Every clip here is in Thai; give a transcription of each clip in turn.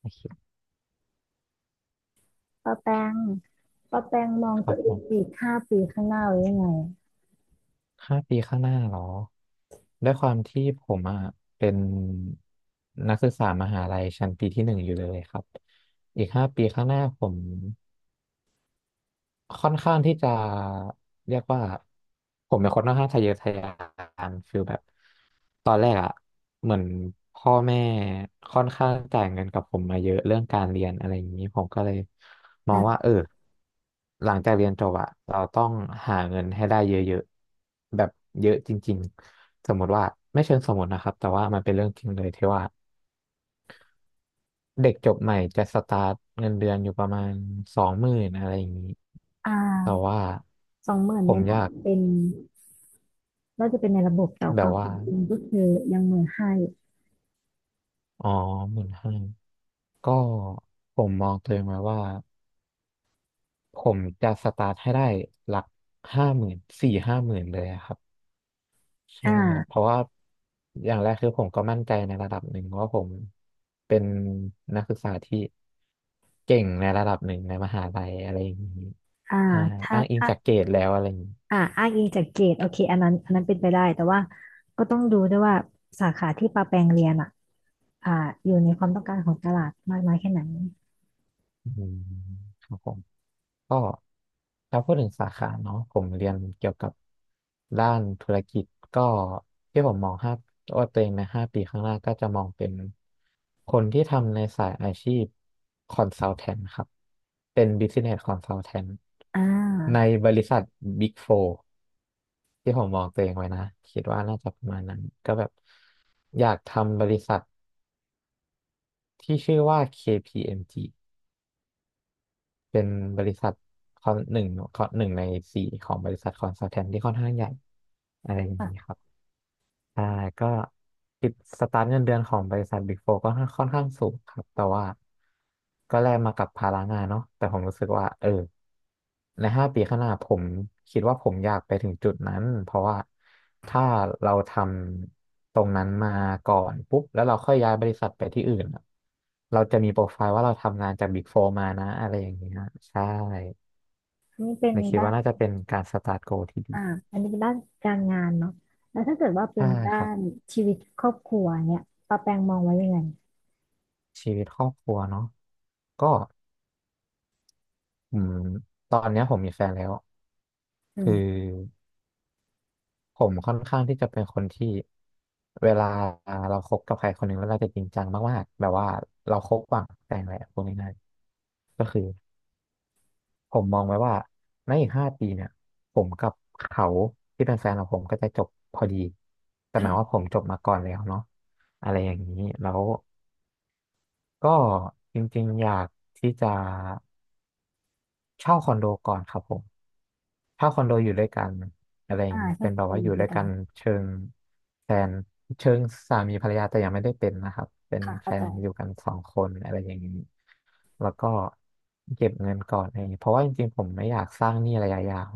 โอเคป้าแป้งป้าแป้งมองครัตับวเอผงมอีกห้าปีข้างหน้าไว้ยังไงห้าปีข้างหน้าเหรอ ด้วยความที่ผมอ่ะเป็นนักศึกษามหาลัยชั้นปีที่หนึ่งอยู่เลยครับ อีกห้าปีข้างหน้าผม ค่อนข้างที่จะเรียกว่าผมเป็นคนค่อนข้างทะเยอทะยานฟิลแบบตอนแรกอะเหมือนพ่อแม่ค่อนข้างจ่ายเงินกับผมมาเยอะเรื่องการเรียนอะไรอย่างนี้ผมก็เลยมองว่าอ่ะเออหลังจากเรียนจบอะเราต้องหาเงินให้ได้เยอะๆแบบเยอะจริงๆสมมติว่าไม่เชิงสมมตินะครับแต่ว่ามันเป็นเรื่องจริงเลยที่ว่า เด็กจบใหม่จะสตาร์ทเงินเดือนอยู่ประมาณสองหมื่นอะไรอย่างนี้อ่แต่าว่า20,000ผเนี่มยอนะยากเป็นน่าจะเป็นในระบบแต่แบคบวามว่าเป็นจริงก็คือยัง15,000อยู่อ๋อหมื่นห้าก็ผมมองตัวเองไว้ว่าผมจะสตาร์ทให้ได้หลักห้าหมื่นสี่ห้าหมื่นเลยอะครับใช่เพอ่าราะว่าอย่างแรกคือผมก็มั่นใจในระดับหนึ่งว่าผมเป็นนักศึกษาที่เก่งในระดับหนึ่งในมหาลัยอะไรอย่างนี้อ่าใช่ถ้าอ้างอิงถ้าจากเกรดแล้วอะไรอย่างนี้ อ้างอิงจากเกรดโอเคอันนั้นเป็นไปได้แต่ว่าก็ต้องดูด้วยว่าสาขาที่ป้าแปลงเรียนอ่ะอ่าอยู่ในความต้องการของตลาดมากน้อยแค่ไหนอืมครับผมก็ถ้าพูดถึงสาขาเนาะผมเรียนเกี่ยวกับด้านธุรกิจก็ที่ผมมองห้าว่าตัวเองในห้าปีข้างหน้าก็จะมองเป็นคนที่ทำในสายอาชีพคอนซัลแทนครับเป็น Business Consultant อ่ในาบริษัท Big Four ที่ผมมองตัวเองไว้นะคิดว่าน่าจะประมาณนั้นก็แบบอยากทำบริษัทที่ชื่อว่า KPMG เป็นบริษัทคอนหนึ่งคอนหนึ่งในสี่ของบริษัทคอนซัลแทนที่ค่อนข้างใหญ่อะไรอย่างค่ะนี้ครับ ใช่ก็คิดสตาร์ทเงินเดือนของบริษัทบิ๊กโฟก็ค่อนข้างสูงครับแต่ว่าก็แลกมากับภาระงานเนาะแต่ผมรู้สึกว่าเออในห้าปีข้างหน้าผมคิดว่าผมอยากไปถึงจุดนั้นเพราะว่าถ้าเราทำตรงนั้นมาก่อนปุ๊บแล้วเราค่อยย้ายบริษัทไปที่อื่นอะเราจะมีโปรไฟล์ว่าเราทำงานจากบิ๊กโฟมานะอะไรอย่างเงี้ยใช่นี่เป็นเลยคิดได้ ว่าน่าจะเป็นการสตาร์ทโกที่ดีอ่าอันนี้เป็นด้านการงานเนาะแล้วถ้าเกิดว่าเป็ใช่นด้าครับนชีวิตครอบครัวเนี่ยป้าแปงมองไว้ยังไงชีวิตครอบครัวเนาะก็ อืมตอนเนี้ยผมมีแฟนแล้วอืคือมผมค่อนข้างที่จะเป็นคนที่เวลาเราคบกับใครคนหนึ่งแล้วเราจะจริงจังมากๆแบบว่าเราคบหวังแต่งแหละพูดง่ายๆก็คือผมมองไว้ว่าในอีกห้าปีเนี่ยผมกับเขาที่เป็นแฟนของผมก็จะจบพอดีแต่หมายว่าค่ะผมจบมาก่อนแล้วเนาะอะไรอย่างนี้แล้วก็จริงๆอยากที่จะเช่าคอนโดก่อนครับผม ถ้าคอนโดอยู่ด้วยกันอะไรอย่างนี้ชอเป็บนคแบนบเดีว่าออยู่ยู่ด้วด้ยวยกักันนเชิงแฟนเชิงสามีภรรยาแต่ยังไม่ได้เป็นนะครับเป็นค่ะแฟเข้าใจนอยู่กันสองคนอะไรอย่างนี้แล้วก็เก็บเงินก่อนอะไรอย่างนี้เพราะว่าจริงๆผมไม่อยากสร้างหนี้ระยะยาว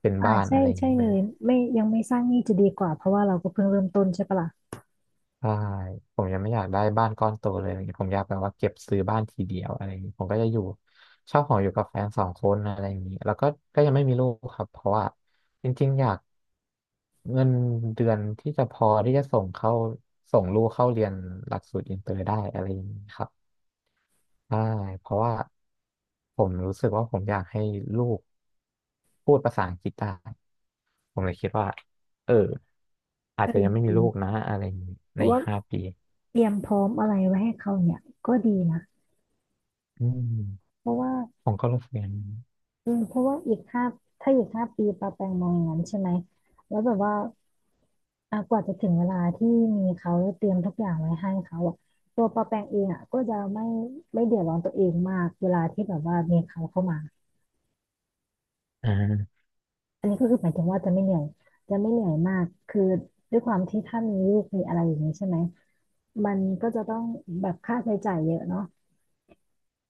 เป็นบ้านใช่อะไรอย่างใช่นี้เลเลย ยไม่ยังไม่สร้างหนี้จะดีกว่าเพราะว่าเราก็เพิ่งเริ่มต้นใช่ปะล่ะใช่ผมยังไม่อยากได้บ้านก้อนโตเลยอะไรเงี้ยผมอยากแบบว่าเก็บซื้อบ้านทีเดียวอะไรอย่างงี้ผมก็จะอยู่เช่าหออยู่กับแฟนสองคนอะไรอย่างงี้แล้วก็ยังไม่มีลูกครับเพราะว่าจริงๆอยากเงินเดือนที่จะพอที่จะส่งลูกเข้าเรียนหลักสูตรอินเตอร์ได้อะไรอย่างงี้ครับใช่เพราะว่าผมรู้สึกว่าผมอยากให้ลูกพูดภาษาอังกฤษได้ผมเลยคิดว่าเอออาเอจอจะยังไม่มีดีลูกนะอะไรอย่างนี้เพในราะอีว่ากห้าปี เตรียมพร้อมอะไรไว้ให้เขาเนี่ยก็ดีนะอืมเพราะว่า ผมก็รู้สึกอย่างนั้นอืมเพราะว่าอีกห้าปีปาแปงมองอย่างนั้นใช่ไหมแล้วแบบว่าอ่ะกว่าจะถึงเวลาที่มีเขาเตรียมทุกอย่างไว้ให้เขาอ่ะตัวปาแปงเองอ่ะก็จะไม่เดือดร้อนตัวเองมากเวลาที่แบบว่ามีเขาเข้ามาอ่าอันนี้ก็คือหมายถึงว่าจะไม่เหนื่อยมากคือด้วยความที่ถ้ามีลูกมีอะไรอย่างนี้ใช่ไหมมันก็จะต้องแบบค่าใช้จ่ายเยอะเนาะ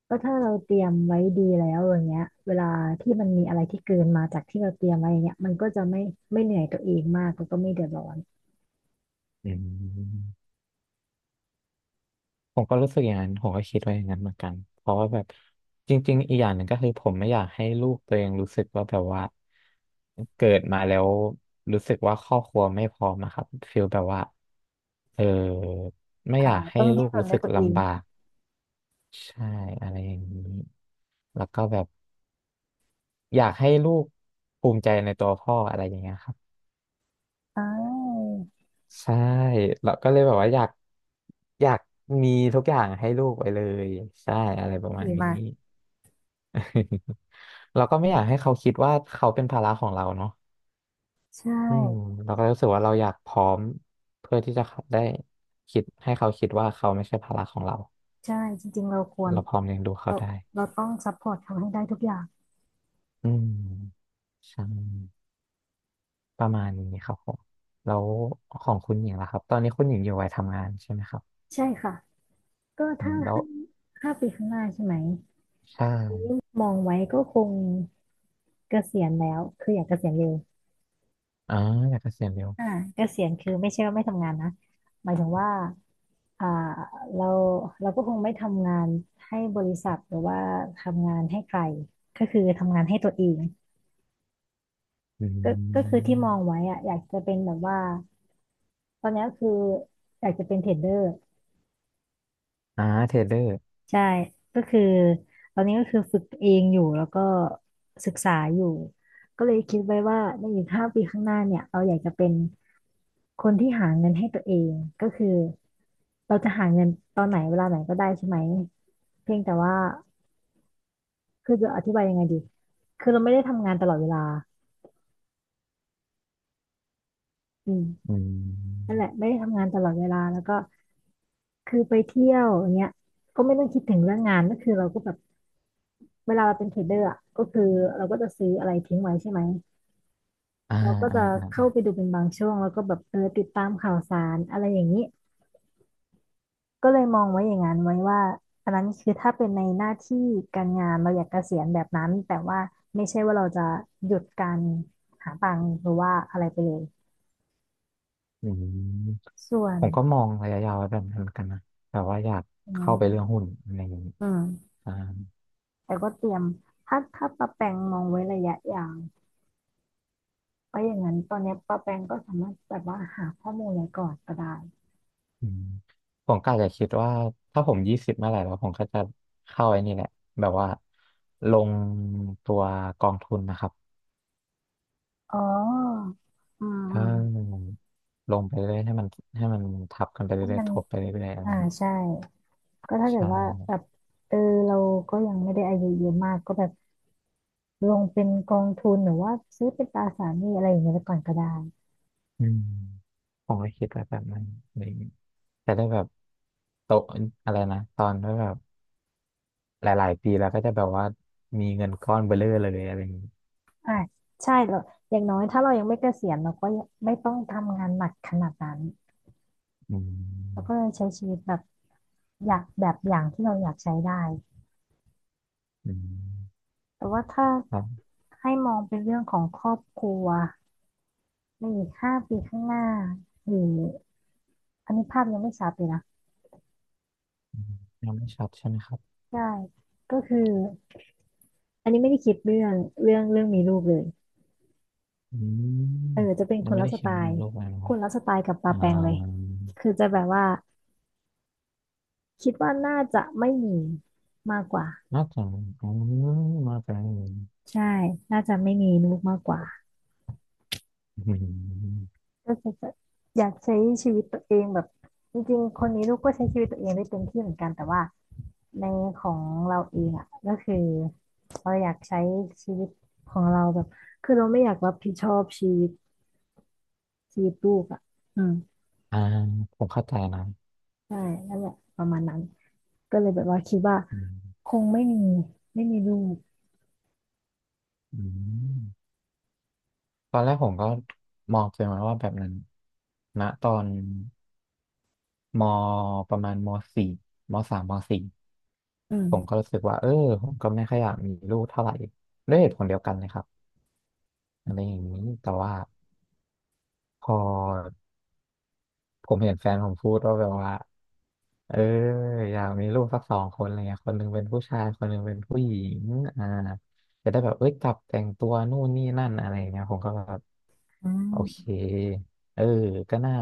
ก็ถ้าเราเตรียมไว้ดีแล้วอย่างเงี้ยเวลาที่มันมีอะไรที่เกินมาจากที่เราเตรียมไว้อย่างเงี้ยมันก็จะไม่เหนื่อยตัวเองมากแล้วก็ไม่เดือดร้อนอืมผมก็รู้สึกอย่างนั้นผมก็คิดไว้อย่างนั้นเหมือนกันเพราะว่าแบบจริงๆอีกอย่างหนึ่งก็คือผมไม่อยากให้ลูกตัวเองรู้สึกว่าแบบว่าเกิดมาแล้วรู้สึกว่าครอบครัวไม่พร้อมอะครับฟีลแบบว่าเออไม่อ่าอยากให้ต้องดิ้ลูนกรนรู้ด้วสึยกตัวเองลำบากใช่อะไรอย่างนี้ แล้วก็แบบอยากให้ลูกภูมิใจในตัวพ่ออะไรอย่างเงี้ยครับ อ่าใช่เราก็เลยแบบว่าอยากมีทุกอย่างให้ลูกไปเลยใช่อะไรประที่มาดีณนี้ มาก เราก็ไม่อยากให้เขาคิดว่าเขาเป็นภาระของเราเนาะใช่อืมเราก็รู้สึกว่าเราอยากพร้อมเพื่อที่จะได้คิดให้เขาคิดว่าเขาไม่ใช่ภาระของเราใช่จริงๆเราควรเราพร้อมเลี้ยงดูเขาเราได้เราต้องซัพพอร์ตเขาให้ได้ทุกอย่างอืมใช่ประมาณนี้ครับผมแล้วของคุณหญิงล่ะครับตอนนี้คุณหญิงอยู่วัยทำงานใช่ไหมครับใช่ค่ะก็อืถ้ามแล้วห้าปีข้างหน้าใช่ไหมใช่มองไว้ก็คงเกษียณแล้วคืออยากเกษียณเร็วอ๋ออยากเกษียณเร็ว อ่าเกษียณคือไม่ใช่ว่าไม่ทำงานนะหมายถึงว่า อ่าเราเราก็คงไม่ทำงานให้บริษัทหรือว่าทำงานให้ใครก็คือทำงานให้ตัวเองอืก็คือมที่มองไว้อะอยากจะเป็นแบบว่าตอนนี้ก็คืออยากจะเป็นเทรดเดอร์อ่าเทรดเดอร์ใช่ก็คือตอนนี้ก็คือฝึกเองอยู่แล้วก็ศึกษาอยู่ก็เลยคิดไว้ว่าในอีกห้าปีข้างหน้าเนี่ยเราอยากจะเป็นคนที่หาเงินให้ตัวเองก็คือเราจะหาเงินตอนไหนเวลาไหนก็ได้ใช่ไหมเพียงแต่ว่า คือจะอธิบายยังไงดีคือเราไม่ได้ทำงานตลอดเวลาอืมอืนั่นมแหละไม่ได้ทำงานตลอดเวลาแล้วก็คือไปเที่ยวอย่างเงี้ยก็ไม่ต้องคิดถึงเรื่องงานก็คือเราก็แบบเวลาเราเป็นเทรดเดอร์อ่ะก็คือเราก็จะซื้ออะไรทิ้งไว้ใช่ไหมอ่าเราก็อ่าจะอาเข้าไปดูเป็นบางช่วง แล้วก็แบบเออติดตามข่าวสารอะไรอย่างนี้ก็เลยมองไว้อย่างนั้นไว้ว่าอันนั้นคือถ้าเป็นในหน้าที่การงานเราอยากเกษียณแบบนั้นแต่ว่าไม่ใช่ว่าเราจะหยุดการหาตังค์หรือว่าอะไรไปเลยอืมส่วผนมก็มองระยะยาวไว้แบบนั้นเหมือนกันนะ แต่ว่าอยากอืเข้าไปเรื่องม หุ้นอะไรอย่างนี้อืมอ่าแต่ก็เตรียมถ้าป้าแปงมองไว้ระยะยาวเพราะอย่างนั้นตอนเนี้ยป้าแปงก็สามารถแบบว่าหาข้อมูลไว้ก่อนก็ได้อืมผมก็อาจจะคิดว่าถ้าผมยี่สิบเมื่อไหร่แล้วผมก็จะเข้าไอ้นี่แหละ แบบว่าลงตัวกองทุนนะครับ อ๋ออืมอืถ้ามลงไปเรื่อยให้มันทับกันไปถ้าเรื่อมัยนๆทบไปเรื่อยๆอะไรอ่าอย่างนี้ใช่ก็ถ้าเกิใช่ ดว่าแบบเออเราก็ยังไม่ได้อายุเยอะมากก็แบบลงเป็นกองทุนหรือว่าซื้อเป็นตราสารหนี้อะไรอย่างเงี้ยไปก่อนก็ได้อืมผมก็คิดไว้แบบนั้นอะไรอย่างงี้จะได้แบบโตะอะไรนะตอนที่แบบหลายๆปีแล้วก็จะแบบว่ามีเงินก้อนเบ้อเร่อเลยอะไรอย่างงี้อ่าใช่เราอย่างน้อยถ้าเรายังไม่เกษียณเราก็ยังไม่ต้องทำงานหนักขนาดนั้นอืเราก็มเลยใช้ชีวิตแบบอยากแบบอย่างที่เราอยากใช้ได้ อืมแต่ว่าถ้าครับให้มองเป็นเรื่องของครอบครัวในอีกห้าปีข้างหน้าหรืออันนี้ภาพยังไม่ชัดเลยนะอืมยังไม่ชัดใช่ไหมครับใช่ก็คืออันนี้ไม่ได้คิดเรื่องมีลูกเลยอืมเออจะเป็นยัคงนไม่ละได้สเขีไตยนในล์โลกเลยนะคครับนละสไตล์กับปาอ่าแปงเลยคือจะแบบว่าคิดว่าน่าจะไม่มีมากกว่าน่าจะอืมน่าจะใช่น่าจะไม่มีลูกมากกว่า อืม ก็คืออยากใช้ชีวิตตัวเองแบบจริงๆคนนี้ลูกก็ใช้ชีวิตตัวเองได้เต็มที่เหมือนกันแต่ว่าในของเราเองอ่ะก็คือเราอยากใช้ชีวิตของเราแบบคือเราไม่อยากรับผิดชอบชีวิตลูกอ่ะอืม อ่าผมเข้าใจนะใช่นั่นแหละประมาณนั้นก็เลยแบบว่าคิดว่าอืคมงไม่มีไม่มีลูกอืมตอนแรกผมก็มองตัวเองไว้ว่าแบบนั้นณตอน ม ประมาณมสี่มสามมสี่อืผมก็มรู้สึกว่าเออผมก็ไม่ค่อยอยากมีลูกเท่าไหร่ด้วยเหตุผลเดียวกันเลยครับอะไรอย่างนี้แต่ว่าพอผมเห็นแฟนผมพูดว่าแบบว่า เอออยากมีลูกสักสองคนอะไรเงี้ยคนหนึ่งเป็นผู้ชายคนหนึ่งเป็นผู้หญิงอ่าจะได้แบบเอ้ยจับแต่งตัวนู่นนี่นั่นอะไรเงี้ยผมก็แบบอืโอเคมเออก็น่า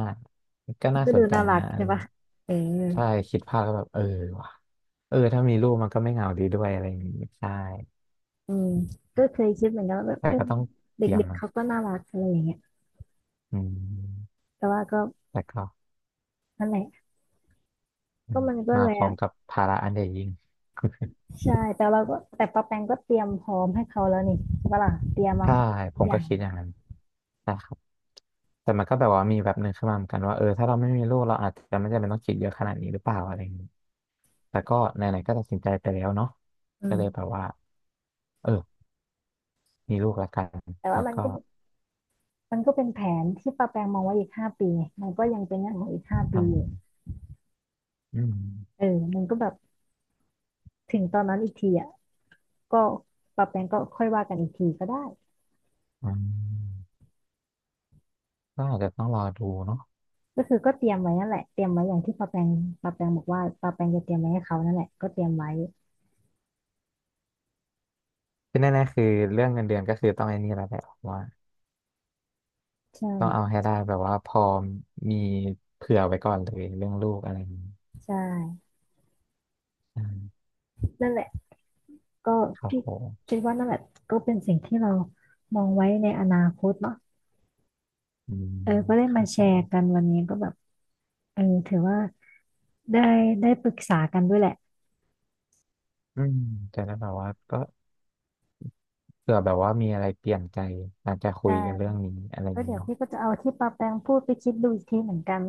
ก็น่าก็สดูนใจน่ารันะกอะไรใช่ปะเงี้ยเออใช่คิดภาพก็แบบเออว่ะเออถ้ามีลูกมันก็ไม่เหงาดีด้วยอะไรอย่างงี้ใช่อืมก็เคยคิดเหมือนกันว่าแบบแต่เออก็ต้องเตรียมเด็กๆมันเขาก็น่ารักอะไรอย่างเงี้ยอืมแต่ว่าก็แต่ก็นั่นแหละ อืก็มมันก็มาแล้พร้อวมกับภาระอันใหญ่ยิ่ง ใช่แต่เราก็แต่ปาแปงก็เตรียมพร้อมให้เขาแล้วนี่ใช่ปะล่ะเตรียมวางใช่แผนทุผกมอก็ย่างคิดอย่างนั้นใช่ครับแต่มันก็แบบว่ามีแบบหนึ่งขึ้นมาเหมือนกันว่าเออถ้าเราไม่มีลูกเราอาจจะไม่จำเป็นต้องคิดเยอะขนาดนี้หรือเปล่าอะไรอย่างนี้แต่ก็ไหนๆก็ตัดสินใจไปแล้วเนาะอืก็เลยแบมบว่าเออมีลูกแล้วกันแต่ว่าแล้วก็มันก็เป็นแผนที่ปาแปงมองไว้อีกห้าปีไงมันก็ยังเป็นเรื่องของอีกห้าอืปีอมยู่อืมเออมันก็แบบถึงตอนนั้นอีกทีอ่ะก็ปาแปงก็ค่อยว่ากันอีกทีก็ได้อืมก็อาจจะต้องรอดูเนาะก็คือก็เตรียมไว้นั่นแหละเตรียมไว้อย่างที่ปาแปงบอกว่าปาแปงจะเตรียมไว้ให้เขานั่นแหละก็เตรียมไว้ที่แน่ๆคือเรื่องเงินเดือนก็คือต้องไอ้นี่แล้วแหละว่าใช่ต้องเอาให้ได้แบบว่าพอมีเผื่อไว้ก่อนเลยเรื่องลูกอะไรอย่างนี้ใช่อืมนั่นแหละก็ครับคิดผมคิดว่านั่นแหละก็เป็นสิ่งที่เรามองไว้ในอนาคตเนาะ อืมเออก็ได้ครัมาบแชผม ร์กันวันนี้ก็แบบเออถือว่าได้ได้ปรึกษากันด้วยแหละอืมจะได้แบบว่าก็เผื่อแบบว่ามีอะไรเปลี่ยนใจอาจจะคุได้ยกันเรื่องนี้อะไรอย่าก็งนี้เดี๋ยวเนาะพี่ก็จะเอาที่ปาแปงพูดไปคิดดูอีกทีเหมือนกัน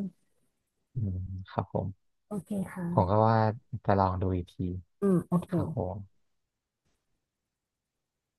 อืมครับผมโอเคค่ะผมก็ว่าจะลองดูอีกทีอืมโอเคครับผม